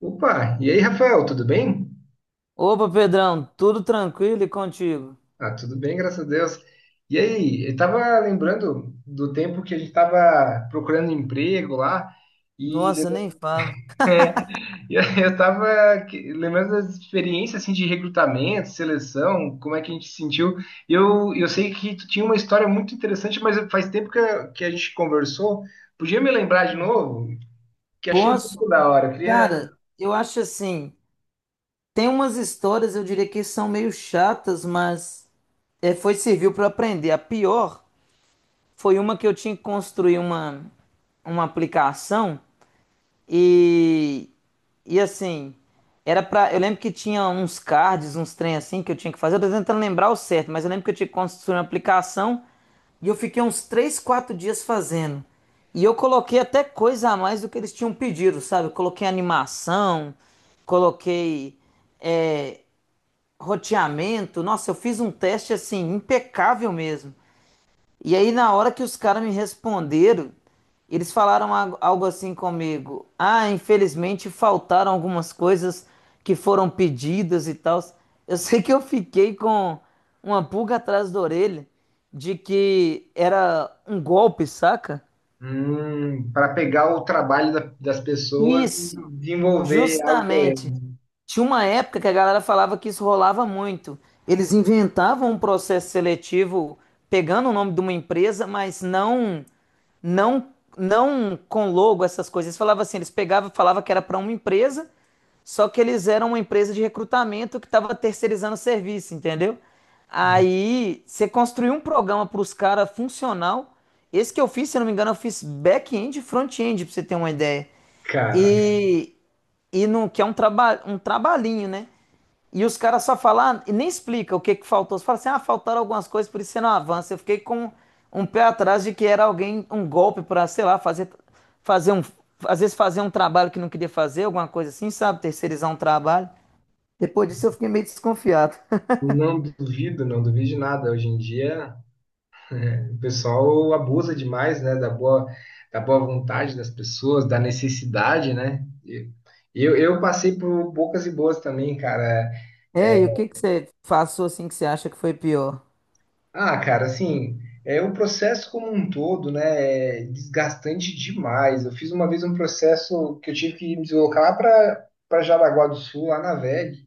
Opa, e aí, Rafael, tudo bem? Opa, Pedrão, tudo tranquilo e contigo? Ah, tudo bem, graças a Deus. E aí, eu tava lembrando do tempo que a gente tava procurando emprego lá e Nossa, nem falo. e aí eu tava lembrando das experiências assim de recrutamento, seleção, como é que a gente se sentiu. Eu sei que tu tinha uma história muito interessante, mas faz tempo que a gente conversou. Podia me lembrar de novo? Que achei Posso? muito da hora. Eu queria Cara, eu acho assim, tem umas histórias, eu diria que são meio chatas, mas foi serviu para aprender. A pior foi uma que eu tinha que construir uma aplicação e e assim, era para. Eu lembro que tinha uns cards, uns trem assim que eu tinha que fazer. Eu tô tentando lembrar o certo, mas eu lembro que eu tinha que construir uma aplicação. E eu fiquei uns 3 4 dias fazendo. E eu coloquei até coisa a mais do que eles tinham pedido, sabe? Eu coloquei animação, coloquei é, roteamento. Nossa, eu fiz um teste assim, impecável mesmo. E aí, na hora que os caras me responderam, eles falaram algo assim comigo. Ah, infelizmente faltaram algumas coisas que foram pedidas e tal. Eu sei que eu fiquei com uma pulga atrás da orelha de que era um golpe, saca? para pegar o trabalho das pessoas e Isso, desenvolver algo para. justamente. Tinha uma época que a galera falava que isso rolava muito. Eles inventavam um processo seletivo pegando o nome de uma empresa, mas não não com logo essas coisas. Eles falavam assim, eles pegavam, falava que era para uma empresa, só que eles eram uma empresa de recrutamento que estava terceirizando o serviço, entendeu? Hum. Aí você construiu um programa para os caras funcional. Esse que eu fiz, se eu não me engano, eu fiz back-end e front-end, para você ter uma ideia. Cara, E, e no, que é um trabalhinho, né? E os caras só falam, "Ah, e nem explica o que que faltou. Você fala assim, ah, faltaram algumas coisas, por isso você não avança." Eu fiquei com um pé atrás de que era alguém, um golpe pra, sei lá, fazer um, às vezes fazer um trabalho que não queria fazer, alguma coisa assim, sabe? Terceirizar um trabalho. Depois disso eu fiquei meio desconfiado. não duvido, não duvido de nada. Hoje em dia, é, o pessoal abusa demais, né, da boa vontade das pessoas, da necessidade, né? E eu passei por bocas e boas também, cara. É, É, e o que que você passou assim que você acha que foi pior? ah, cara, assim, é o processo como um todo, né, é desgastante demais. Eu fiz uma vez um processo que eu tive que me deslocar para Jaraguá do Sul, lá na VEG.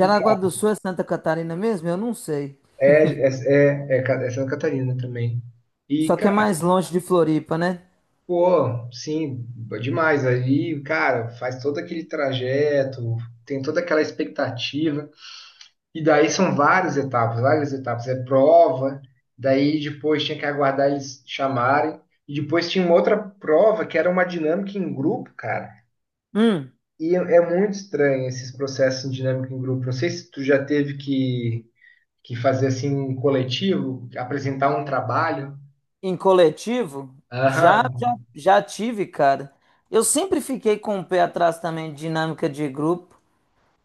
E, do cara, Sul é Santa Catarina mesmo? Eu não sei. é, é, é é Santa Catarina também. E, Só que é mais longe de Floripa, né? pô, sim, demais. Aí, cara, faz todo aquele trajeto, tem toda aquela expectativa. E daí são várias etapas, várias etapas. É prova, daí depois tinha que aguardar eles chamarem. E depois tinha uma outra prova que era uma dinâmica em grupo, cara. Hum. E é muito estranho esses processos de dinâmica em grupo. Não sei se tu já teve que fazer assim um coletivo, apresentar um trabalho. Em coletivo, Aham. Já tive, cara. Eu sempre fiquei com o pé atrás também de dinâmica de grupo,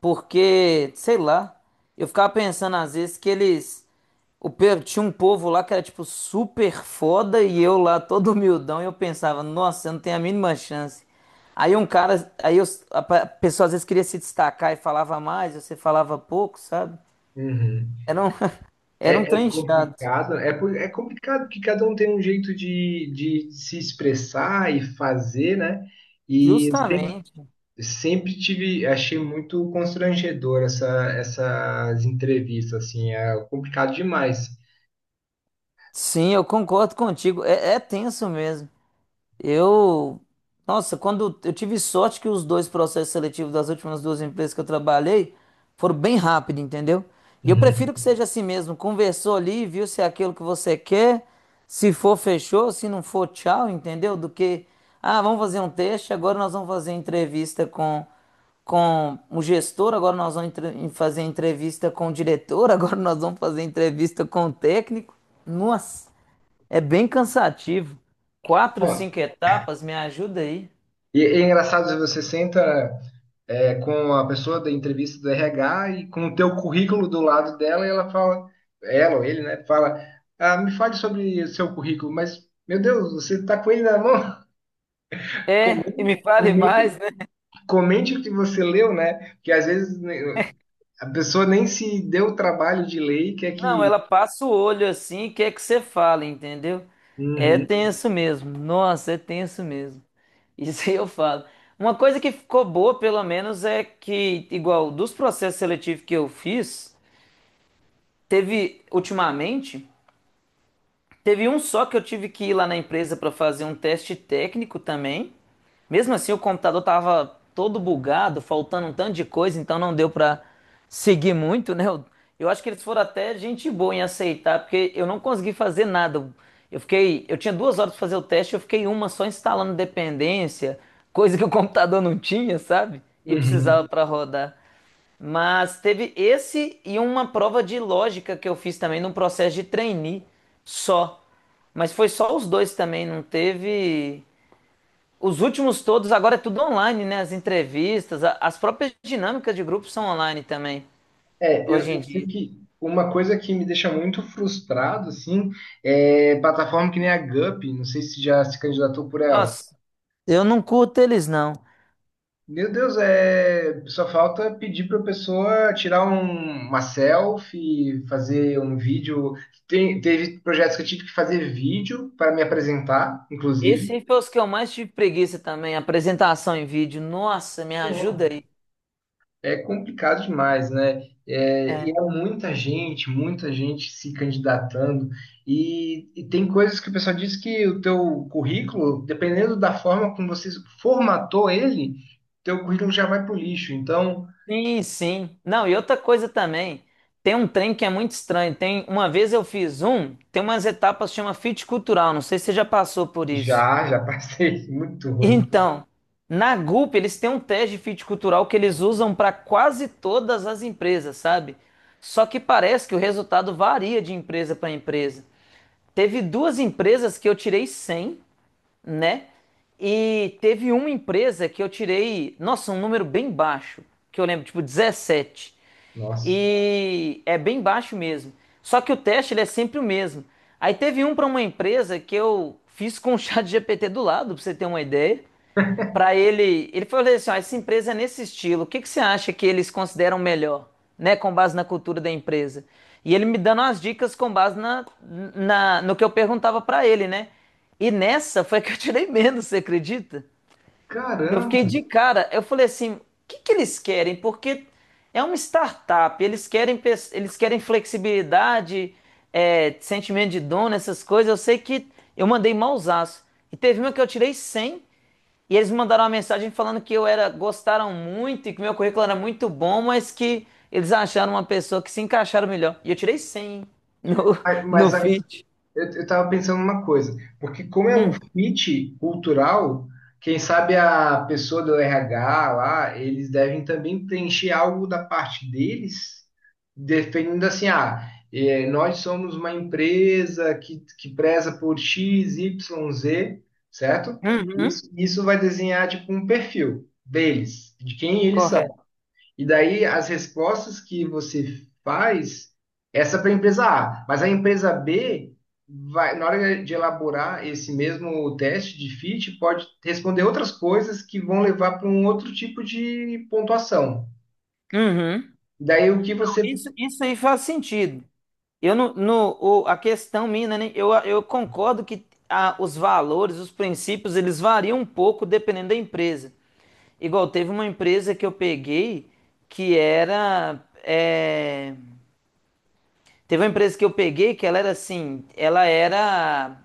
porque, sei lá, eu ficava pensando às vezes que eles. O, tinha um povo lá que era, tipo, super foda e eu lá todo humildão e eu pensava, nossa, eu não tenho a mínima chance. Aí um cara. A pessoa às vezes queria se destacar e falava mais, você falava pouco, sabe? Uhum. Era um, era É, um é trem chato. complicado, é complicado porque cada um tem um jeito de se expressar e fazer, né? E eu sempre, Justamente. sempre tive, achei muito constrangedor essas entrevistas, assim, é complicado demais. Sim, eu concordo contigo. É, é tenso mesmo. Eu, nossa, quando eu tive sorte que os dois processos seletivos das últimas duas empresas que eu trabalhei foram bem rápido, entendeu? E eu Uhum. prefiro que seja assim mesmo. Conversou ali, viu se é aquilo que você quer, se for, fechou, se não for, tchau, entendeu? Do que, ah, vamos fazer um teste, agora nós vamos fazer entrevista com o gestor, agora nós vamos fazer entrevista com o diretor, agora nós vamos fazer entrevista com o técnico. Nossa. É bem cansativo. Quatro, Ó, cinco etapas, me ajuda aí. e é engraçado, você senta é, com a pessoa da entrevista do RH e com o teu currículo do lado dela e ela fala, ela ou ele, né, fala, ah, me fale sobre o seu currículo, mas, meu Deus, você tá com ele na mão? É, e me fale Comente, mais, né? comente o que você leu, né? Porque às vezes né, a pessoa nem se deu o trabalho de ler e quer Não, que. ela passa o olho assim e quer que você fale, entendeu? É Uhum, tenso mesmo. Nossa, é tenso mesmo. Isso aí eu falo. Uma coisa que ficou boa, pelo menos, é que, igual dos processos seletivos que eu fiz, teve ultimamente. Teve um só que eu tive que ir lá na empresa para fazer um teste técnico também. Mesmo assim, o computador tava todo bugado, faltando um tanto de coisa, então não deu para seguir muito, né? Eu acho que eles foram até gente boa em aceitar, porque eu não consegui fazer nada. Eu fiquei, eu tinha duas horas para fazer o teste, eu fiquei uma só instalando dependência, coisa que o computador não tinha, sabe? E uhum. precisava para rodar. Mas teve esse e uma prova de lógica que eu fiz também no processo de trainee só. Mas foi só os dois também, não teve. Os últimos todos, agora é tudo online, né? As entrevistas, as próprias dinâmicas de grupo são online também, É, eu, hoje em eu sei dia. que uma coisa que me deixa muito frustrado, assim, é plataforma que nem a Gup, não sei se já se candidatou por ela. Nossa, eu não curto eles, não. Meu Deus, é... só falta pedir para a pessoa tirar uma selfie, fazer um vídeo. Teve projetos que eu tive que fazer vídeo para me apresentar, Esse inclusive. aí foi os que eu mais tive preguiça também, apresentação em vídeo. Nossa, me ajuda aí. É complicado demais, né? É, e há É. Muita gente se candidatando. E tem coisas que o pessoal diz que o teu currículo, dependendo da forma como você formatou ele, teu currículo já vai pro lixo. Então, sim. Não, e outra coisa também, tem um trem que é muito estranho. Tem, uma vez eu fiz um, tem umas etapas que chama fit cultural, não sei se você já passou por isso. já, já passei. Muito ruim. Então, na Gulp eles têm um teste de fit cultural que eles usam para quase todas as empresas, sabe? Só que parece que o resultado varia de empresa para empresa. Teve duas empresas que eu tirei 100, né? E teve uma empresa que eu tirei, nossa, um número bem baixo, que eu lembro, tipo 17. Nossa. E é bem baixo mesmo. Só que o teste ele é sempre o mesmo. Aí teve um para uma empresa que eu fiz com o chat GPT do lado, para você ter uma ideia. Pra ele, ele falou assim, ó, essa empresa é nesse estilo, o que que você acha que eles consideram melhor, né, com base na cultura da empresa? E ele me dando as dicas com base no que eu perguntava pra ele, né? E nessa foi que eu tirei menos, você acredita? Eu fiquei Caramba! de cara, eu falei assim, o que que eles querem? Porque é uma startup, eles querem, eles querem flexibilidade, é, sentimento de dono, essas coisas. Eu sei que eu mandei mausaço. E teve uma que eu tirei 100 e eles me mandaram uma mensagem falando que eu era, gostaram muito e que meu currículo era muito bom, mas que eles acharam uma pessoa que se encaixaram melhor. E eu tirei 100 no, no Mas fit. eu tava pensando uma coisa, porque como é o Hum, fit cultural, quem sabe a pessoa do RH lá, eles devem também preencher algo da parte deles, definindo assim, ah, eh, nós somos uma empresa que preza por X, Y, Z, certo? uhum, Isso vai desenhar tipo um perfil deles, de quem eles correto. e daí as respostas que você faz, essa é para a empresa A, mas a empresa B vai, na hora de elaborar esse mesmo teste de fit, pode responder outras coisas que vão levar para um outro tipo de pontuação. Uhum. Daí o que você. Isso aí faz sentido. Eu não, no, o- a questão minha, eu concordo que os valores, os princípios, eles variam um pouco dependendo da empresa. Igual teve uma empresa que eu peguei que era, é, teve uma empresa que eu peguei que ela era assim, ela era,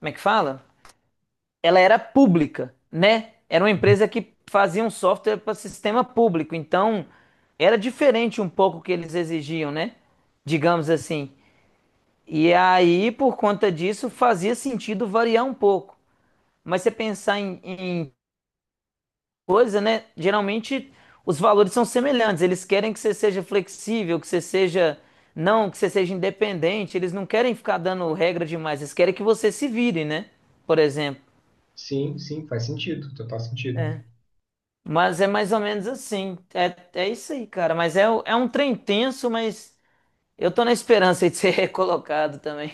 como é que fala? Ela era pública, né? Era uma empresa que fazia um software para sistema público, então era diferente um pouco o que eles exigiam, né? Digamos assim. E aí, por conta disso, fazia sentido variar um pouco. Mas você pensar em coisa, né? Geralmente os valores são semelhantes. Eles querem que você seja flexível, que você seja não, que você seja independente. Eles não querem ficar dando regra demais. Eles querem que você se vire, né? Por exemplo. Sim, sim, faz sentido, total sentido. É. Mas é mais ou menos assim. É, é isso aí, cara. Mas é, é um trem tenso, mas eu tô na esperança aí de ser recolocado também.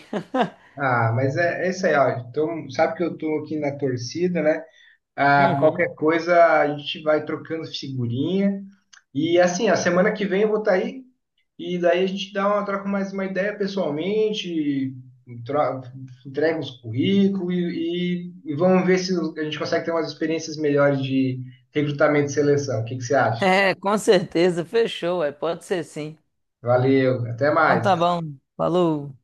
Ah, mas é, é isso aí, ó. Então, sabe que eu tô aqui na torcida, né? Ah, Uhum. qualquer coisa a gente vai trocando figurinha. E assim, a semana que vem eu vou estar aí e daí a gente dá uma, troca mais uma ideia pessoalmente, tro- entrega uns currículos e vamos ver se a gente consegue ter umas experiências melhores de recrutamento e seleção. O que que você acha? É, com certeza. Fechou, é. Pode ser sim. Valeu, até Então tá mais. bom. Falou.